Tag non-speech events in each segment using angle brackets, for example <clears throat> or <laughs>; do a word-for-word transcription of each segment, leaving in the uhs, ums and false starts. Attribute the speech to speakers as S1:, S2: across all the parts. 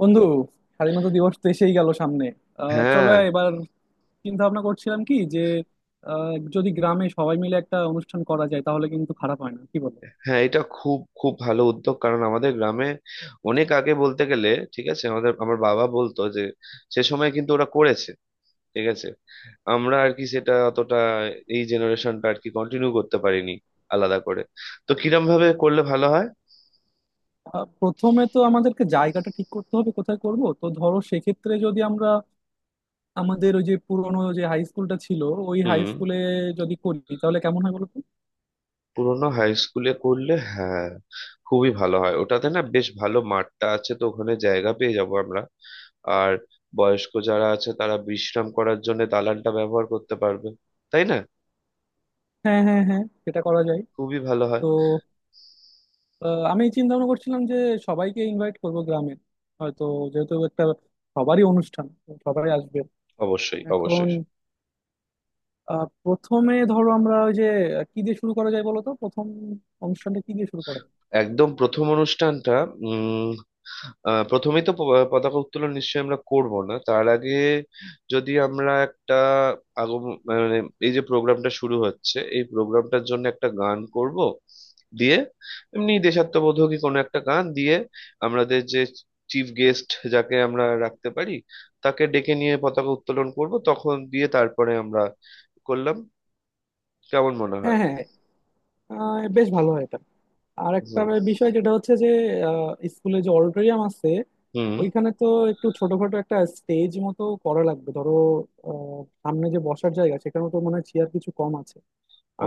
S1: বন্ধু, স্বাধীনতা দিবস তো এসেই গেল সামনে। আহ চলো
S2: হ্যাঁ,
S1: এবার চিন্তা ভাবনা করছিলাম কি যে, আহ, যদি গ্রামে সবাই মিলে একটা অনুষ্ঠান করা যায় তাহলে কিন্তু খারাপ হয় না, কি বলো?
S2: হ্যাঁ এটা খুব খুব ভালো উদ্যোগ, কারণ আমাদের গ্রামে অনেক আগে বলতে গেলে ঠিক আছে, আমাদের আমার বাবা বলতো যে সে সময় কিন্তু ওরা করেছে। ঠিক আছে, আমরা আর কি সেটা অতটা এই জেনারেশনটা আর কি কন্টিনিউ করতে পারিনি আলাদা করে। তো কিরম ভাবে করলে ভালো হয়?
S1: আহ, প্রথমে তো আমাদেরকে জায়গাটা ঠিক করতে হবে কোথায় করব। তো ধরো, সেক্ষেত্রে যদি আমরা আমাদের ওই যে পুরনো যে হাই স্কুলটা ছিল, ওই হাই
S2: হুম।
S1: স্কুলে যদি করি তাহলে কেমন হয় বলো তো?
S2: পুরোনো হাই স্কুলে করলে, হ্যাঁ, খুবই ভালো হয়। ওটাতে না বেশ ভালো মাঠটা আছে, তো ওখানে জায়গা পেয়ে যাবো আমরা। আর বয়স্ক যারা আছে তারা বিশ্রাম করার জন্য দালানটা ব্যবহার করতে পারবে, তাই না?
S1: হ্যাঁ, হ্যাঁ, হ্যাঁ, সেটা করা যায়।
S2: খুবই ভালো হয়।
S1: তো আহ, আমি চিন্তা ভাবনা করছিলাম যে সবাইকে ইনভাইট করব গ্রামে, হয়তো, যেহেতু একটা সবারই অনুষ্ঠান তো সবাই আসবে।
S2: অবশ্যই,
S1: এখন
S2: অবশ্যই।
S1: আহ প্রথমে ধরো আমরা ওই যে, আহ, কি দিয়ে শুরু করা যায় বলো তো, প্রথম অনুষ্ঠানটা কি দিয়ে শুরু করা যায়?
S2: একদম প্রথম অনুষ্ঠানটা উম আহ, প্রথমেই তো প- পতাকা উত্তোলন নিশ্চয়ই আমরা করব, না তার আগে যদি আমরা একটা আগম মানে এই যে প্রোগ্রামটা শুরু হচ্ছে এই প্রোগ্রামটার জন্য একটা গান করব দিয়ে, এমনি দেশাত্মবোধকই কোনো একটা গান দিয়ে। আমাদের যে চিফ গেস্ট যাকে আমরা রাখতে পারি তাকে ডেকে নিয়ে পতাকা উত্তোলন করব, তখন দিয়ে তারপরে আমরা করলাম। কেমন মনে হয়?
S1: হ্যাঁ, হ্যাঁ, আহ, বেশ ভালো হয় এটা। আর একটা
S2: হুম।
S1: বিষয় যেটা হচ্ছে যে আহ, স্কুলে যে অডিটোরিয়াম আছে
S2: হুম।
S1: ওইখানে তো একটু ছোটখাটো একটা স্টেজ মতো করা লাগবে ধরো। আহ, সামনে যে বসার জায়গা, সেখানে তো মনে হয় চেয়ার কিছু কম আছে।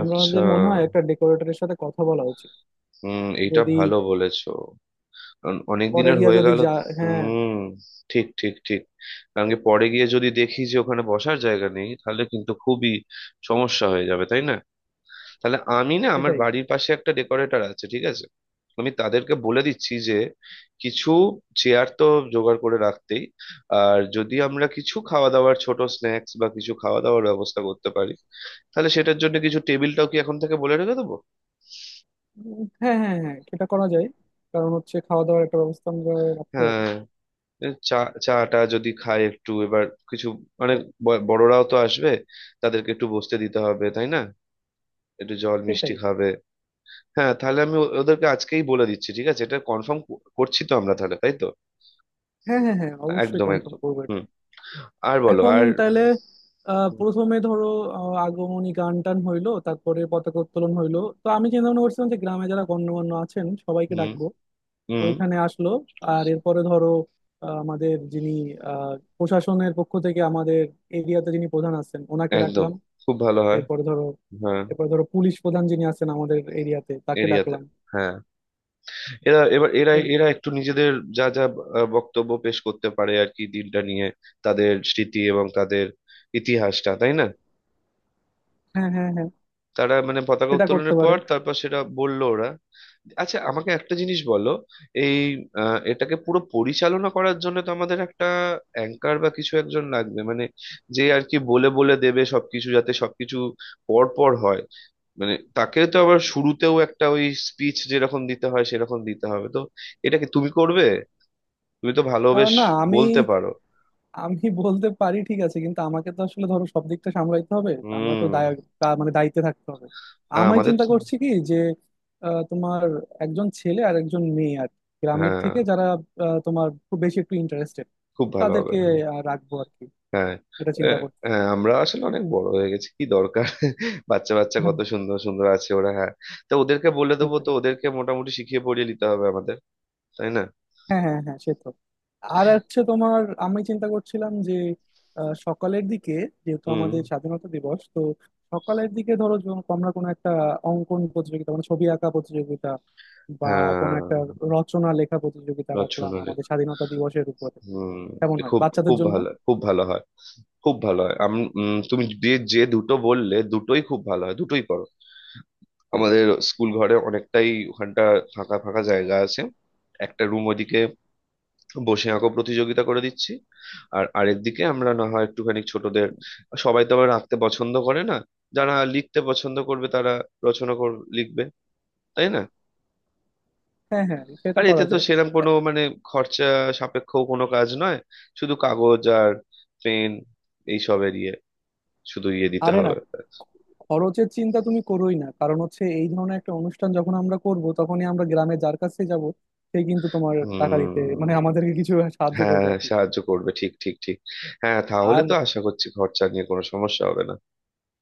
S2: আচ্ছা,
S1: মনে হয় একটা ডেকোরেটরের সাথে কথা বলা উচিত।
S2: হুম, এটা
S1: যদি
S2: ভালো বলেছো, কারণ অনেক
S1: পরে
S2: দিনের
S1: গিয়া
S2: হয়ে
S1: যদি
S2: গেল।
S1: যা... হ্যাঁ,
S2: হুম। ঠিক, ঠিক ঠিক কারণ কি পরে গিয়ে যদি দেখি যে ওখানে বসার জায়গা নেই, তাহলে কিন্তু খুবই সমস্যা হয়ে যাবে, তাই না? তাহলে আমি না আমার
S1: সেটাই।
S2: বাড়ির পাশে একটা ডেকোরেটর আছে, ঠিক আছে। আমি তাদেরকে বলে দিচ্ছি যে কিছু চেয়ার তো জোগাড় করে রাখতেই। আর যদি আমরা কিছু খাওয়া দাওয়ার ছোট স্ন্যাক্স বা কিছু খাওয়া দাওয়ার ব্যবস্থা করতে পারি, তাহলে সেটার জন্য কিছু টেবিলটাও কি এখন থেকে বলে রেখে দেবো?
S1: উম, হ্যাঁ, হ্যাঁ, হ্যাঁ, সেটা করা যায়। কারণ হচ্ছে খাওয়া দাওয়ার একটা ব্যবস্থা আমরা রাখতে পারি।
S2: হ্যাঁ। চা, চাটা যদি খায় একটু এবার, কিছু মানে ব- বড়রাও তো আসবে, তাদেরকে একটু বসতে দিতে হবে, তাই না? একটু জল
S1: সেটাই।
S2: মিষ্টি খাবে। হ্যাঁ, তাহলে আমি ও- ওদেরকে আজকেই বলে দিচ্ছি, ঠিক আছে? এটা কনফার্ম করছি তো আমরা তাহলে, তাই তো?
S1: হ্যাঁ, হ্যাঁ, হ্যাঁ, অবশ্যই
S2: একদম,
S1: কনফার্ম
S2: একদম।
S1: করবো এটা।
S2: হুম। আর বলো
S1: এখন
S2: আর।
S1: তাহলে আহ,
S2: হুম।
S1: প্রথমে ধরো, আহ, আগমনী গান টান হইলো, তারপরে পতাকা উত্তোলন হইলো। তো আমি চিন্তা ভাবনা করছিলাম যে গ্রামে যারা গণ্যমান্য আছেন সবাইকে
S2: হুম।
S1: ডাকবো,
S2: হুম।
S1: ওইখানে আসলো। আর এরপরে ধরো আহ, আমাদের যিনি আহ, প্রশাসনের পক্ষ থেকে আমাদের এরিয়াতে যিনি প্রধান আছেন ওনাকে
S2: একদম,
S1: ডাকলাম।
S2: খুব ভালো হয়।
S1: এরপরে ধরো
S2: হ্যাঁ,
S1: এরপরে ধরো পুলিশ প্রধান যিনি আছেন আমাদের এরিয়াতে, তাকে
S2: এরিয়াতে।
S1: ডাকলাম।
S2: হ্যাঁ, এরা এবার এরা
S1: এই-
S2: এরা একটু নিজেদের যা যা আহ, বক্তব্য পেশ করতে পারে আর কি, দিনটা নিয়ে তাদের স্মৃতি এবং তাদের ইতিহাসটা, তাই না?
S1: হ্যাঁ, হ্যাঁ, হ্যাঁ,
S2: তারা মানে পতাকা
S1: সেটা করতে
S2: উত্তোলনের
S1: পারে।
S2: পর তারপর সেটা বললো ওরা। আচ্ছা, আমাকে একটা জিনিস বলো। এই আহ, এটাকে পুরো পরিচালনা করার জন্য তো আমাদের একটা অ্যাঙ্কার বা কিছু একজন লাগবে। মানে যে আর কি বলে বলে দেবে সবকিছু, যাতে সবকিছু পর পর হয়। মানে তাকে তো আবার শুরুতেও একটা ওই স্পিচ যেরকম দিতে হয় সেরকম দিতে হবে তো। এটা কি তুমি করবে? তুমি তো ভালো
S1: আহ,
S2: বেশ
S1: না, আমি...
S2: বলতে পারো।
S1: আমি বলতে পারি ঠিক আছে, কিন্তু আমাকে তো আসলে ধরো সব দিকটা সামলাইতে হবে। আমরা তো
S2: হুম।
S1: দায়... তা- মানে দায়িত্বে থাকতে হবে।
S2: হ্যাঁ,
S1: আমি
S2: আমাদের
S1: চিন্তা
S2: তো-
S1: করছি কি যে আহ, তোমার একজন ছেলে আর একজন মেয়ে আর কি, গ্রামের
S2: হ্যাঁ,
S1: থেকে যারা আহ, তোমার খুব বেশি একটু ইন্টারেস্টেড,
S2: খুব ভালো হবে।
S1: তাদেরকে আহ, রাখবো আর কি।
S2: হ্যাঁ।
S1: এটা চিন্তা
S2: আহ, হ্যাঁ,
S1: করতেছিলাম।
S2: আমরা আসলে অনেক বড় হয়ে গেছি, কি দরকার। <laughs> বাচ্চা বাচ্চা
S1: হ্যাঁ,
S2: কত সুন্দর সুন্দর আছে ওরা, হ্যাঁ। তো ওদেরকে বলে দেবো, তো
S1: সেটাই।
S2: ওদেরকে মোটামুটি শিখিয়ে পড়িয়ে নিতে হবে আমাদের, তাই না?
S1: হ্যাঁ, হ্যাঁ, হ্যাঁ, সে তো। আর হচ্ছে তোমার, আমি চিন্তা করছিলাম যে আহ, সকালের দিকে, যেহেতু
S2: হুম।
S1: আমাদের স্বাধীনতা দিবস তো। সকালের দিকে ধরো যখন আমরা কোনো একটা অঙ্কন প্রতিযোগিতা মানে ছবি আঁকা প্রতিযোগিতা বা কোনো
S2: হ্যাঁ।
S1: একটা রচনা লেখা প্রতিযোগিতা রাখলাম
S2: রচনা
S1: আমাদের
S2: লেখা।
S1: স্বাধীনতা দিবসের উপরে,
S2: হুম।
S1: কেমন
S2: এ
S1: হয়
S2: খুব
S1: বাচ্চাদের
S2: খুব
S1: জন্য?
S2: ভালো, খুব ভালো হয়। খুব ভালো হয়। আমি উম, তুমি যে যে দুটো বললে দুটোই খুব ভালো হয়, দুটোই করো। আমাদের স্কুল ঘরে অনেকটাই ওখানটা ফাঁকা ফাঁকা জায়গা আছে। একটা রুম ওদিকে বসে আঁকো প্রতিযোগিতা করে দিচ্ছি, আর আরেকদিকে আমরা না হয় একটুখানি ছোটদের। সবাই তো আবার আঁকতে পছন্দ করে না, যারা লিখতে পছন্দ করবে তারা রচনা কর লিখবে, তাই না?
S1: হ্যাঁ, হ্যাঁ, সেটা
S2: আর এতে
S1: করা
S2: তো
S1: যায়।
S2: সেরকম কোনো মানে খরচা সাপেক্ষ কোনো কাজ নয়, শুধু কাগজ আর পেন এইসবের ইয়ে, শুধু ইয়ে দিতে
S1: আরে না,
S2: হবে।
S1: খরচের চিন্তা তুমি করোই না, কারণ হচ্ছে এই ধরনের একটা অনুষ্ঠান যখন আমরা করব তখনই আমরা গ্রামে যার কাছে যাব সে কিন্তু তোমার টাকা
S2: হুম।
S1: দিতে মানে আমাদেরকে কিছু সাহায্য
S2: হ্যাঁ,
S1: করবে
S2: হ্যাঁ,
S1: আর কি।
S2: সাহায্য করবে। ঠিক, ঠিক ঠিক হ্যাঁ, তাহলে
S1: আর
S2: তো আশা করছি খরচা নিয়ে কোনো সমস্যা হবে না।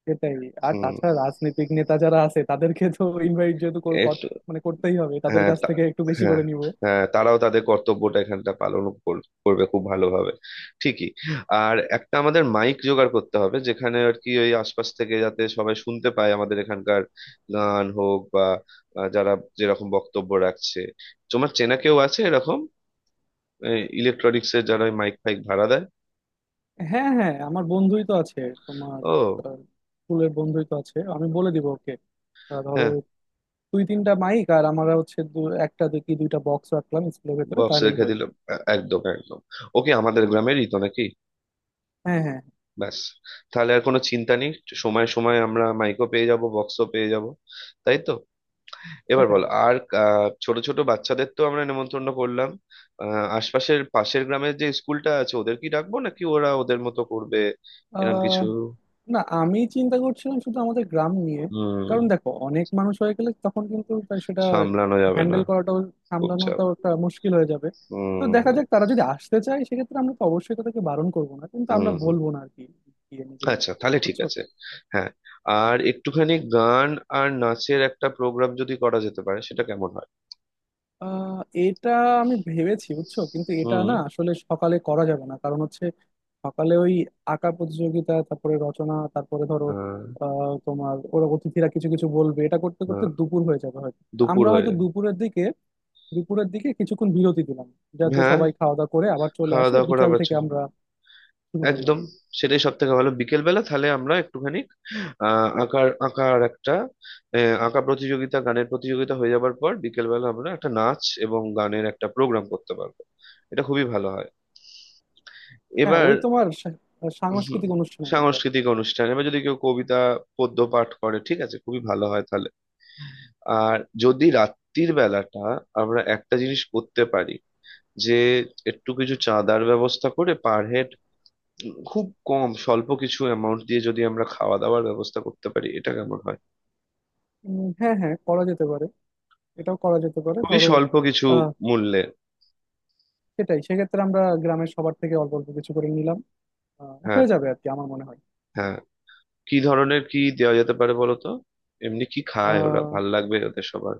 S1: সেটাই। আর
S2: হুম।
S1: তাছাড়া রাজনৈতিক নেতা যারা আছে তাদেরকে তো ইনভাইট যেহেতু কর- কর- মানে করতেই হবে, তাদের
S2: হ্যাঁ
S1: কাছ
S2: তা-
S1: থেকে একটু বেশি
S2: হ্যাঁ।
S1: করে নিব।
S2: হ্যাঁ, তারাও তাদের কর্তব্যটা এখানটা পালন কর- করবে খুব ভালোভাবে। ঠিকই। আর একটা আমাদের মাইক জোগাড় করতে হবে, যেখানে আর কি ওই আশপাশ থেকে যাতে সবাই শুনতে পায় আমাদের এখানকার গান হোক বা আহ, যারা যেরকম বক্তব্য রাখছে। তোমার চেনা কেউ আছে এরকম, ইলেকট্রনিক্স এর যারা মাইক ফাইক ভাড়া দেয়?
S1: হ্যাঁ, হ্যাঁ, আমার বন্ধুই তো আছে তোমার,
S2: ও,
S1: আহ, স্কুলের বন্ধুই তো আছে, আমি বলে দিব ওকে। আহ, ধরো
S2: হ্যাঁ।
S1: দুই তিনটা মাইক আর আমরা হচ্ছে দু- একটা দুই কি দুইটা বক্স রাখলাম স্কুলের ভেতরে
S2: বক্স
S1: তাহলেই
S2: রেখে
S1: হয়ে
S2: দিল।
S1: যাবে।
S2: আ- একদম, একদম। ওকে আমাদের গ্রামেরই তো নাকি।
S1: হ্যাঁ, হ্যাঁ,
S2: ব্যাস, তাহলে আর কোনো চিন্তা নেই। সময় সময় আমরা মাইকও পেয়ে যাব, বক্সও পেয়ে যাব, তাই তো? এবার
S1: সেটাই।
S2: বলো আর। আহ, ছোট ছোট বাচ্চাদের তো আমরা নেমন্তন্ন করলাম। আহ, আশপাশের পাশের গ্রামের যে স্কুলটা আছে ওদের কি ডাকবো, নাকি ওরা ওদের মতো করবে এরকম
S1: আহ
S2: কিছু?
S1: না, আমি চিন্তা করছিলাম শুধু আমাদের গ্রাম নিয়ে।
S2: হুম।
S1: কারণ দেখো অনেক মানুষ হয়ে গেলে তখন কিন্তু তাই সেটা
S2: সামলানো যাবে না,
S1: হ্যান্ডেল করাটাও,
S2: খুব চাপ।
S1: সামলানোটাও একটা মুশকিল হয়ে যাবে। তো
S2: হুম।
S1: দেখা যাক, তারা যদি আসতে চায় সেক্ষেত্রে আমরা তো অবশ্যই তাদেরকে বারণ করবো না, কিন্তু আমরা
S2: হুম। হুম।
S1: বলবো না আর কি, গিয়ে নিজেরা।
S2: আচ্ছা, তাহলে ঠিক
S1: বুঝছো?
S2: আছে। হ্যাঁ। আর একটুখানি গান আর নাচের একটা প্রোগ্রাম যদি করা যেতে পারে, সেটা কেমন হয়?
S1: আহ এটা আমি ভেবেছি বুঝছো, কিন্তু এটা
S2: হুম।
S1: না আসলে সকালে করা যাবে না। কারণ হচ্ছে সকালে ওই আঁকা প্রতিযোগিতা তারপরে রচনা তারপরে ধরো
S2: হ্যাঁ।
S1: আহ তোমার ওরা অতিথিরা কিছু কিছু বলবে, এটা করতে করতে
S2: হ্যাঁ,
S1: দুপুর হয়ে যাবে হয়তো।
S2: দুপুর
S1: আমরা হয়তো
S2: হয়ে।
S1: দুপুরের দিকে দুপুরের দিকে কিছুক্ষণ বিরতি দিলাম, যাতে
S2: হ্যাঁ,
S1: সবাই খাওয়া দাওয়া করে আবার চলে
S2: খাওয়া
S1: আসে,
S2: দাওয়া করে
S1: বিকাল
S2: আবার
S1: থেকে
S2: চল।
S1: আমরা শুরু করলাম।
S2: একদম, সেটাই সব থেকে ভালো। বিকেল বেলা তাহলে আমরা একটুখানি আহ আঁকার আঁকার একটা আহ, আঁকা প্রতিযোগিতা গানের প্রতিযোগিতা হয়ে যাবার পর বিকেল বেলা আমরা একটা নাচ এবং গানের একটা প্রোগ্রাম করতে পারবো। এটা খুবই ভালো হয়।
S1: হ্যাঁ,
S2: এবার
S1: ওই তোমার সা-
S2: হুম,
S1: সাংস্কৃতিক অনুষ্ঠানের মতো।
S2: সাংস্কৃতিক অনুষ্ঠান এবার যদি কেউ কবিতা পদ্য পাঠ করে, ঠিক আছে, খুবই ভালো হয় তাহলে। আর যদি রাত্রির বেলাটা আমরা একটা জিনিস করতে পারি, যে একটু কিছু চাঁদার ব্যবস্থা করে পার হেড খুব কম স্বল্প কিছু অ্যামাউন্ট দিয়ে যদি আমরা খাওয়া দাওয়ার ব্যবস্থা করতে পারি, এটা কেমন হয়?
S1: উম, হ্যাঁ, হ্যাঁ, করা যেতে পারে। এটাও করা যেতে পারে
S2: খুবই
S1: ধরো।
S2: স্বল্প কিছু
S1: আহ
S2: মূল্যে।
S1: সেটাই, সেক্ষেত্রে আমরা গ্রামের সবার থেকে অল্প অল্প কিছু করে নিলাম। আহ,
S2: হ্যাঁ।
S1: হয়ে যাবে আর কি আমার মনে হয়।
S2: হ্যাঁ, কি ধরনের কি দেওয়া যেতে পারে বলো তো? এমনি কি খায় ওরা,
S1: আহ
S2: ভাল লাগবে ওদের সবার?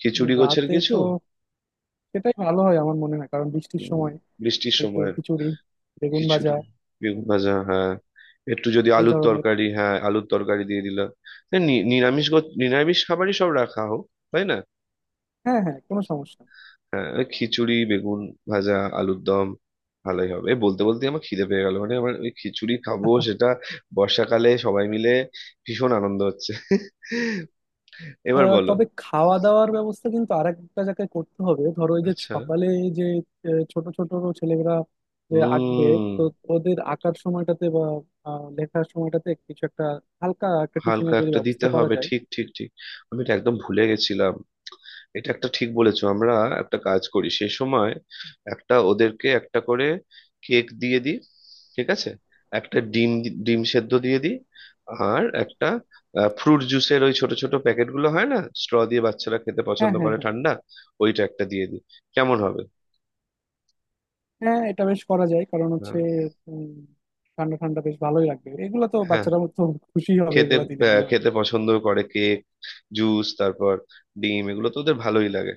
S2: খিচুড়ি গোছের
S1: রাতে
S2: কিছু।
S1: তো সেটাই ভালো হয় আমার মনে হয়, কারণ বৃষ্টির
S2: উম,
S1: সময়
S2: বৃষ্টির
S1: একটু
S2: সময়
S1: খিচুড়ি, বেগুন ভাজা,
S2: খিচুড়ি বেগুন ভাজা, হ্যাঁ। একটু যদি
S1: এই
S2: আলুর
S1: ধরনের।
S2: তরকারি, হ্যাঁ, আলুর তরকারি দিয়ে দিলাম। হ্যাঁ, নি- নিরামিষ গো- নিরামিষ খাবারই সব রাখা হোক, তাই না?
S1: হ্যাঁ, হ্যাঁ, কোনো সমস্যা নেই।
S2: হ্যাঁ, ওই খিচুড়ি বেগুন ভাজা আলুর দম ভালোই হবে। এ বলতে বলতে আমার খিদে পেয়ে গেল, মানে আমার ওই খিচুড়ি খাবো
S1: <laughs>
S2: সেটা বর্ষাকালে সবাই মিলে। ভীষণ আনন্দ হচ্ছে। এবার
S1: আহ,
S2: বলো।
S1: তবে খাওয়া দাওয়ার ব্যবস্থা কিন্তু আরেকটা জায়গায় করতে হবে। ধরো এই যে
S2: আচ্ছা।
S1: সকালে যে আহ, ছোট ছোট ছেলেরা যে আঁকবে,
S2: হুম।
S1: তো ওদের আঁকার সময়টাতে বা আহ, লেখার সময়টাতে কিছু একটা হালকা একটা
S2: হালকা
S1: টিফিনের যদি
S2: একটা দিতে
S1: ব্যবস্থা করা
S2: হবে।
S1: যায়।
S2: ঠিক, ঠিক ঠিক আমি এটা একদম ভুলে গেছিলাম। এটা একটা ঠিক বলেছো। আমরা একটা কাজ করি সেই সময়, একটা ওদেরকে একটা করে কেক দিয়ে দিই, ঠিক আছে, একটা ডিম, ডিম সেদ্ধ দিয়ে দিই। আর একটা ফ্রুট জুসের ওই ছোট ছোট প্যাকেটগুলো হয় না স্ট্র দিয়ে, বাচ্চারা খেতে
S1: হ্যাঁ,
S2: পছন্দ
S1: হ্যাঁ,
S2: করে
S1: হ্যাঁ।
S2: ঠান্ডা, ওইটা একটা দিয়ে দিই। কেমন হবে?
S1: হ্যাঁ, এটা বেশ করা যায়। কারণ
S2: হ্যাঁ,
S1: হচ্ছে উম, ঠান্ডা ঠান্ডা বেশ ভালোই লাগবে এগুলো তো,
S2: হ্যাঁ।
S1: বাচ্চারা তো খুশি হবে
S2: খেতে
S1: এগুলো দিলে
S2: আহ,
S1: মনে হয়।
S2: খেতে পছন্দ করে কেক, জুস, তারপর ডিম, এগুলো তো ওদের ভালোই লাগে,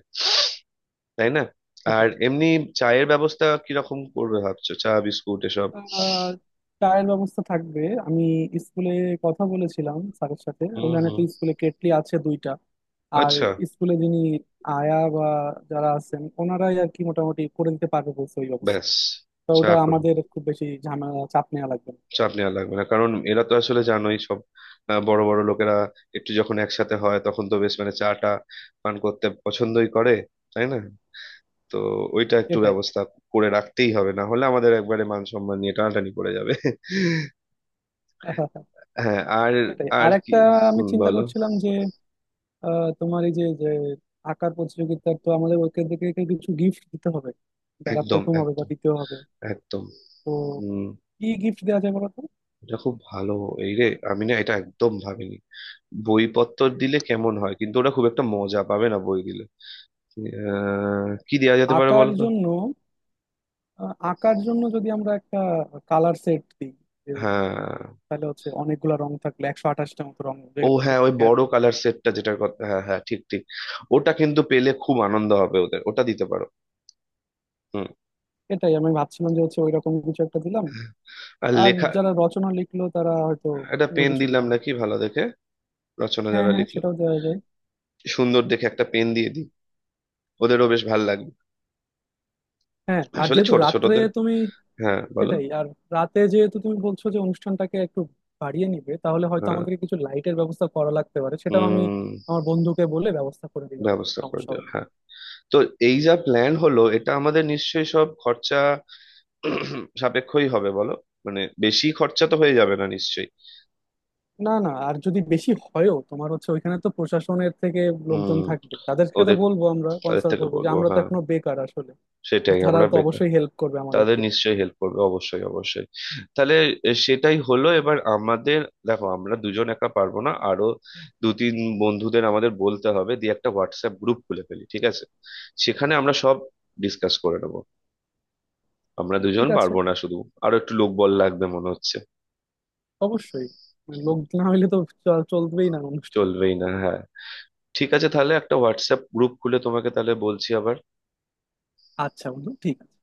S2: তাই না? আর
S1: সেটাই।
S2: এমনি চায়ের ব্যবস্থা কিরকম করবে ভাবছো, চা বিস্কুট এসব?
S1: আহ, চায়ের ব্যবস্থা থাকবে। আমি স্কুলে কথা বলেছিলাম স্যারের সাথে,
S2: হুম।
S1: ওখানে তো
S2: হুম।
S1: স্কুলে কেটলি আছে দুইটা। আর
S2: আচ্ছা।
S1: স্কুলে যিনি আয়া বা যারা আছেন ওনারাই আর কি মোটামুটি করে দিতে পারবে বলছে ওই ব্যবস্থা।
S2: ব্যাস।
S1: তো
S2: চা
S1: ওটা
S2: কর
S1: আমাদের খুব বেশি ঝামেলা চাপ নেওয়া লাগবে না।
S2: চাপ নেওয়া লাগবে না, কারণ এরা তো আসলে জানোই সব আহ, বড় বড় লোকেরা একটু যখন একসাথে হয় তখন তো বেশ মানে চাটা পান করতে পছন্দই করে, তাই না? তো ওইটা একটু
S1: এটাই।
S2: ব্যবস্থা করে রাখতেই হবে, না হলে আমাদের একবারে মান সম্মান নিয়ে টানাটানি পড়ে যাবে।
S1: <laughs>
S2: হ্যাঁ, আর
S1: সেটাই
S2: আর
S1: আর
S2: কি।
S1: একটা, আমি
S2: হুম,
S1: চিন্তা
S2: বলো।
S1: করছিলাম যে আহ, তোমার এই যে যে আঁকার প্রতিযোগিতা তো আমাদের ওইখান থেকে কিছু গিফট দিতে হবে যারা
S2: একদম,
S1: প্রথম হবে বা
S2: একদম,
S1: দ্বিতীয় হবে।
S2: একদম।
S1: তো
S2: হুম।
S1: কি গিফট দেওয়া যায় বলতো?
S2: এটা খুব ভালো। এই রে, আমি না এটা একদম ভাবিনি। বইপত্র দিলে কেমন হয়, কিন্তু ওরা খুব একটা মজা পাবে না বই দিলে। আহ, কি দেওয়া যেতে পারে
S1: আঁকার
S2: বলো তো?
S1: জন্য, আহ, আঁকার জন্য যদি আমরা একটা কালার সেট দিই, যে,
S2: হ্যাঁ।
S1: তাহলে হচ্ছে অনেকগুলা রং থাকলে একশো আঠাশটা মতো রং
S2: ও
S1: যেটা
S2: হ্যাঁ, ওই
S1: থাকে আর
S2: বড়
S1: কি।
S2: কালার সেটটা, যেটার কথা, হ্যাঁ হ্যাঁ, ঠিক, ঠিক। ওটা কিন্তু পেলে খুব আনন্দ হবে ওদের, ওটা দিতে পারো। হুম।
S1: এটাই আমি ভাবছিলাম যে হচ্ছে ওইরকম কিছু একটা দিলাম।
S2: আর
S1: আর
S2: লেখা,
S1: যারা রচনা লিখলো তারা হয়তো
S2: একটা
S1: অন্য
S2: পেন
S1: কিছু
S2: দিলাম
S1: দিলাম।
S2: নাকি ভালো দেখে? রচনা
S1: হ্যাঁ,
S2: যারা
S1: হ্যাঁ,
S2: লিখলো
S1: সেটাও দেওয়া যায়।
S2: সুন্দর দেখে একটা পেন দিয়ে দিই, ওদেরও বেশ ভালো লাগবে।
S1: হ্যাঁ, আর
S2: আসলে
S1: যেহেতু
S2: ছোট
S1: রাত্রে
S2: ছোটদের।
S1: তুমি...
S2: হ্যাঁ, বলো।
S1: সেটাই। আর রাতে যেহেতু তুমি বলছো যে অনুষ্ঠানটাকে একটু বাড়িয়ে নিবে, তাহলে হয়তো
S2: হ্যাঁ।
S1: আমাদেরকে কিছু লাইটের ব্যবস্থা করা লাগতে পারে, সেটাও আমি
S2: উম।
S1: আমার বন্ধুকে বলে ব্যবস্থা করে দিবেন।
S2: ব্যবস্থা করে
S1: সমস্যা
S2: দিও,
S1: হবে না।
S2: হ্যাঁ। তো এই যা প্ল্যান হলো এটা আমাদের নিশ্চয়ই সব খরচা <clears throat> সাপেক্ষই হবে, বলো? মানে বেশি খরচা তো হয়ে যাবে না নিশ্চয়ই।
S1: না, না, আর যদি বেশি হয়ও তোমার হচ্ছে ওইখানে তো প্রশাসনের থেকে লোকজন
S2: হুম।
S1: থাকবে, তাদের সাথে
S2: ওদের
S1: বলবো, আমরা
S2: তাদের
S1: কনসাল্ট
S2: থেকে
S1: করবো যে
S2: বলবো,
S1: আমরা তো
S2: হ্যাঁ।
S1: এখনো বেকার আসলে। তো
S2: সেটাই,
S1: তারা
S2: আমরা
S1: তো
S2: বেকার।
S1: অবশ্যই হেল্প করবে
S2: তাদের
S1: আমাদেরকে।
S2: নিশ্চয়ই হেল্প করবে, অবশ্যই, অবশ্যই। তাহলে এ, সেটাই হলো। এবার আমাদের, দেখো আমরা দুজন একা পারবো না, আরো দু তিন বন্ধুদের আমাদের বলতে হবে, দিয়ে একটা হোয়াটসঅ্যাপ গ্রুপ খুলে ফেলি, ঠিক আছে? সেখানে আমরা সব ডিসকাস করে নেবো। আমরা দুজন
S1: ঠিক আছে।
S2: পারবো না শুধু, আরো একটু লোকবল লাগবে মনে হচ্ছে।
S1: অবশ্যই। মানে লোক না হইলে তো চ- চলবেই না অনুষ্ঠান।
S2: চলবেই না, হ্যাঁ। ঠিক আছে, তাহলে একটা হোয়াটসঅ্যাপ গ্রুপ খুলে তোমাকে তাহলে বলছি আবার।
S1: আচ্ছা বন্ধু, ঠিক আছে।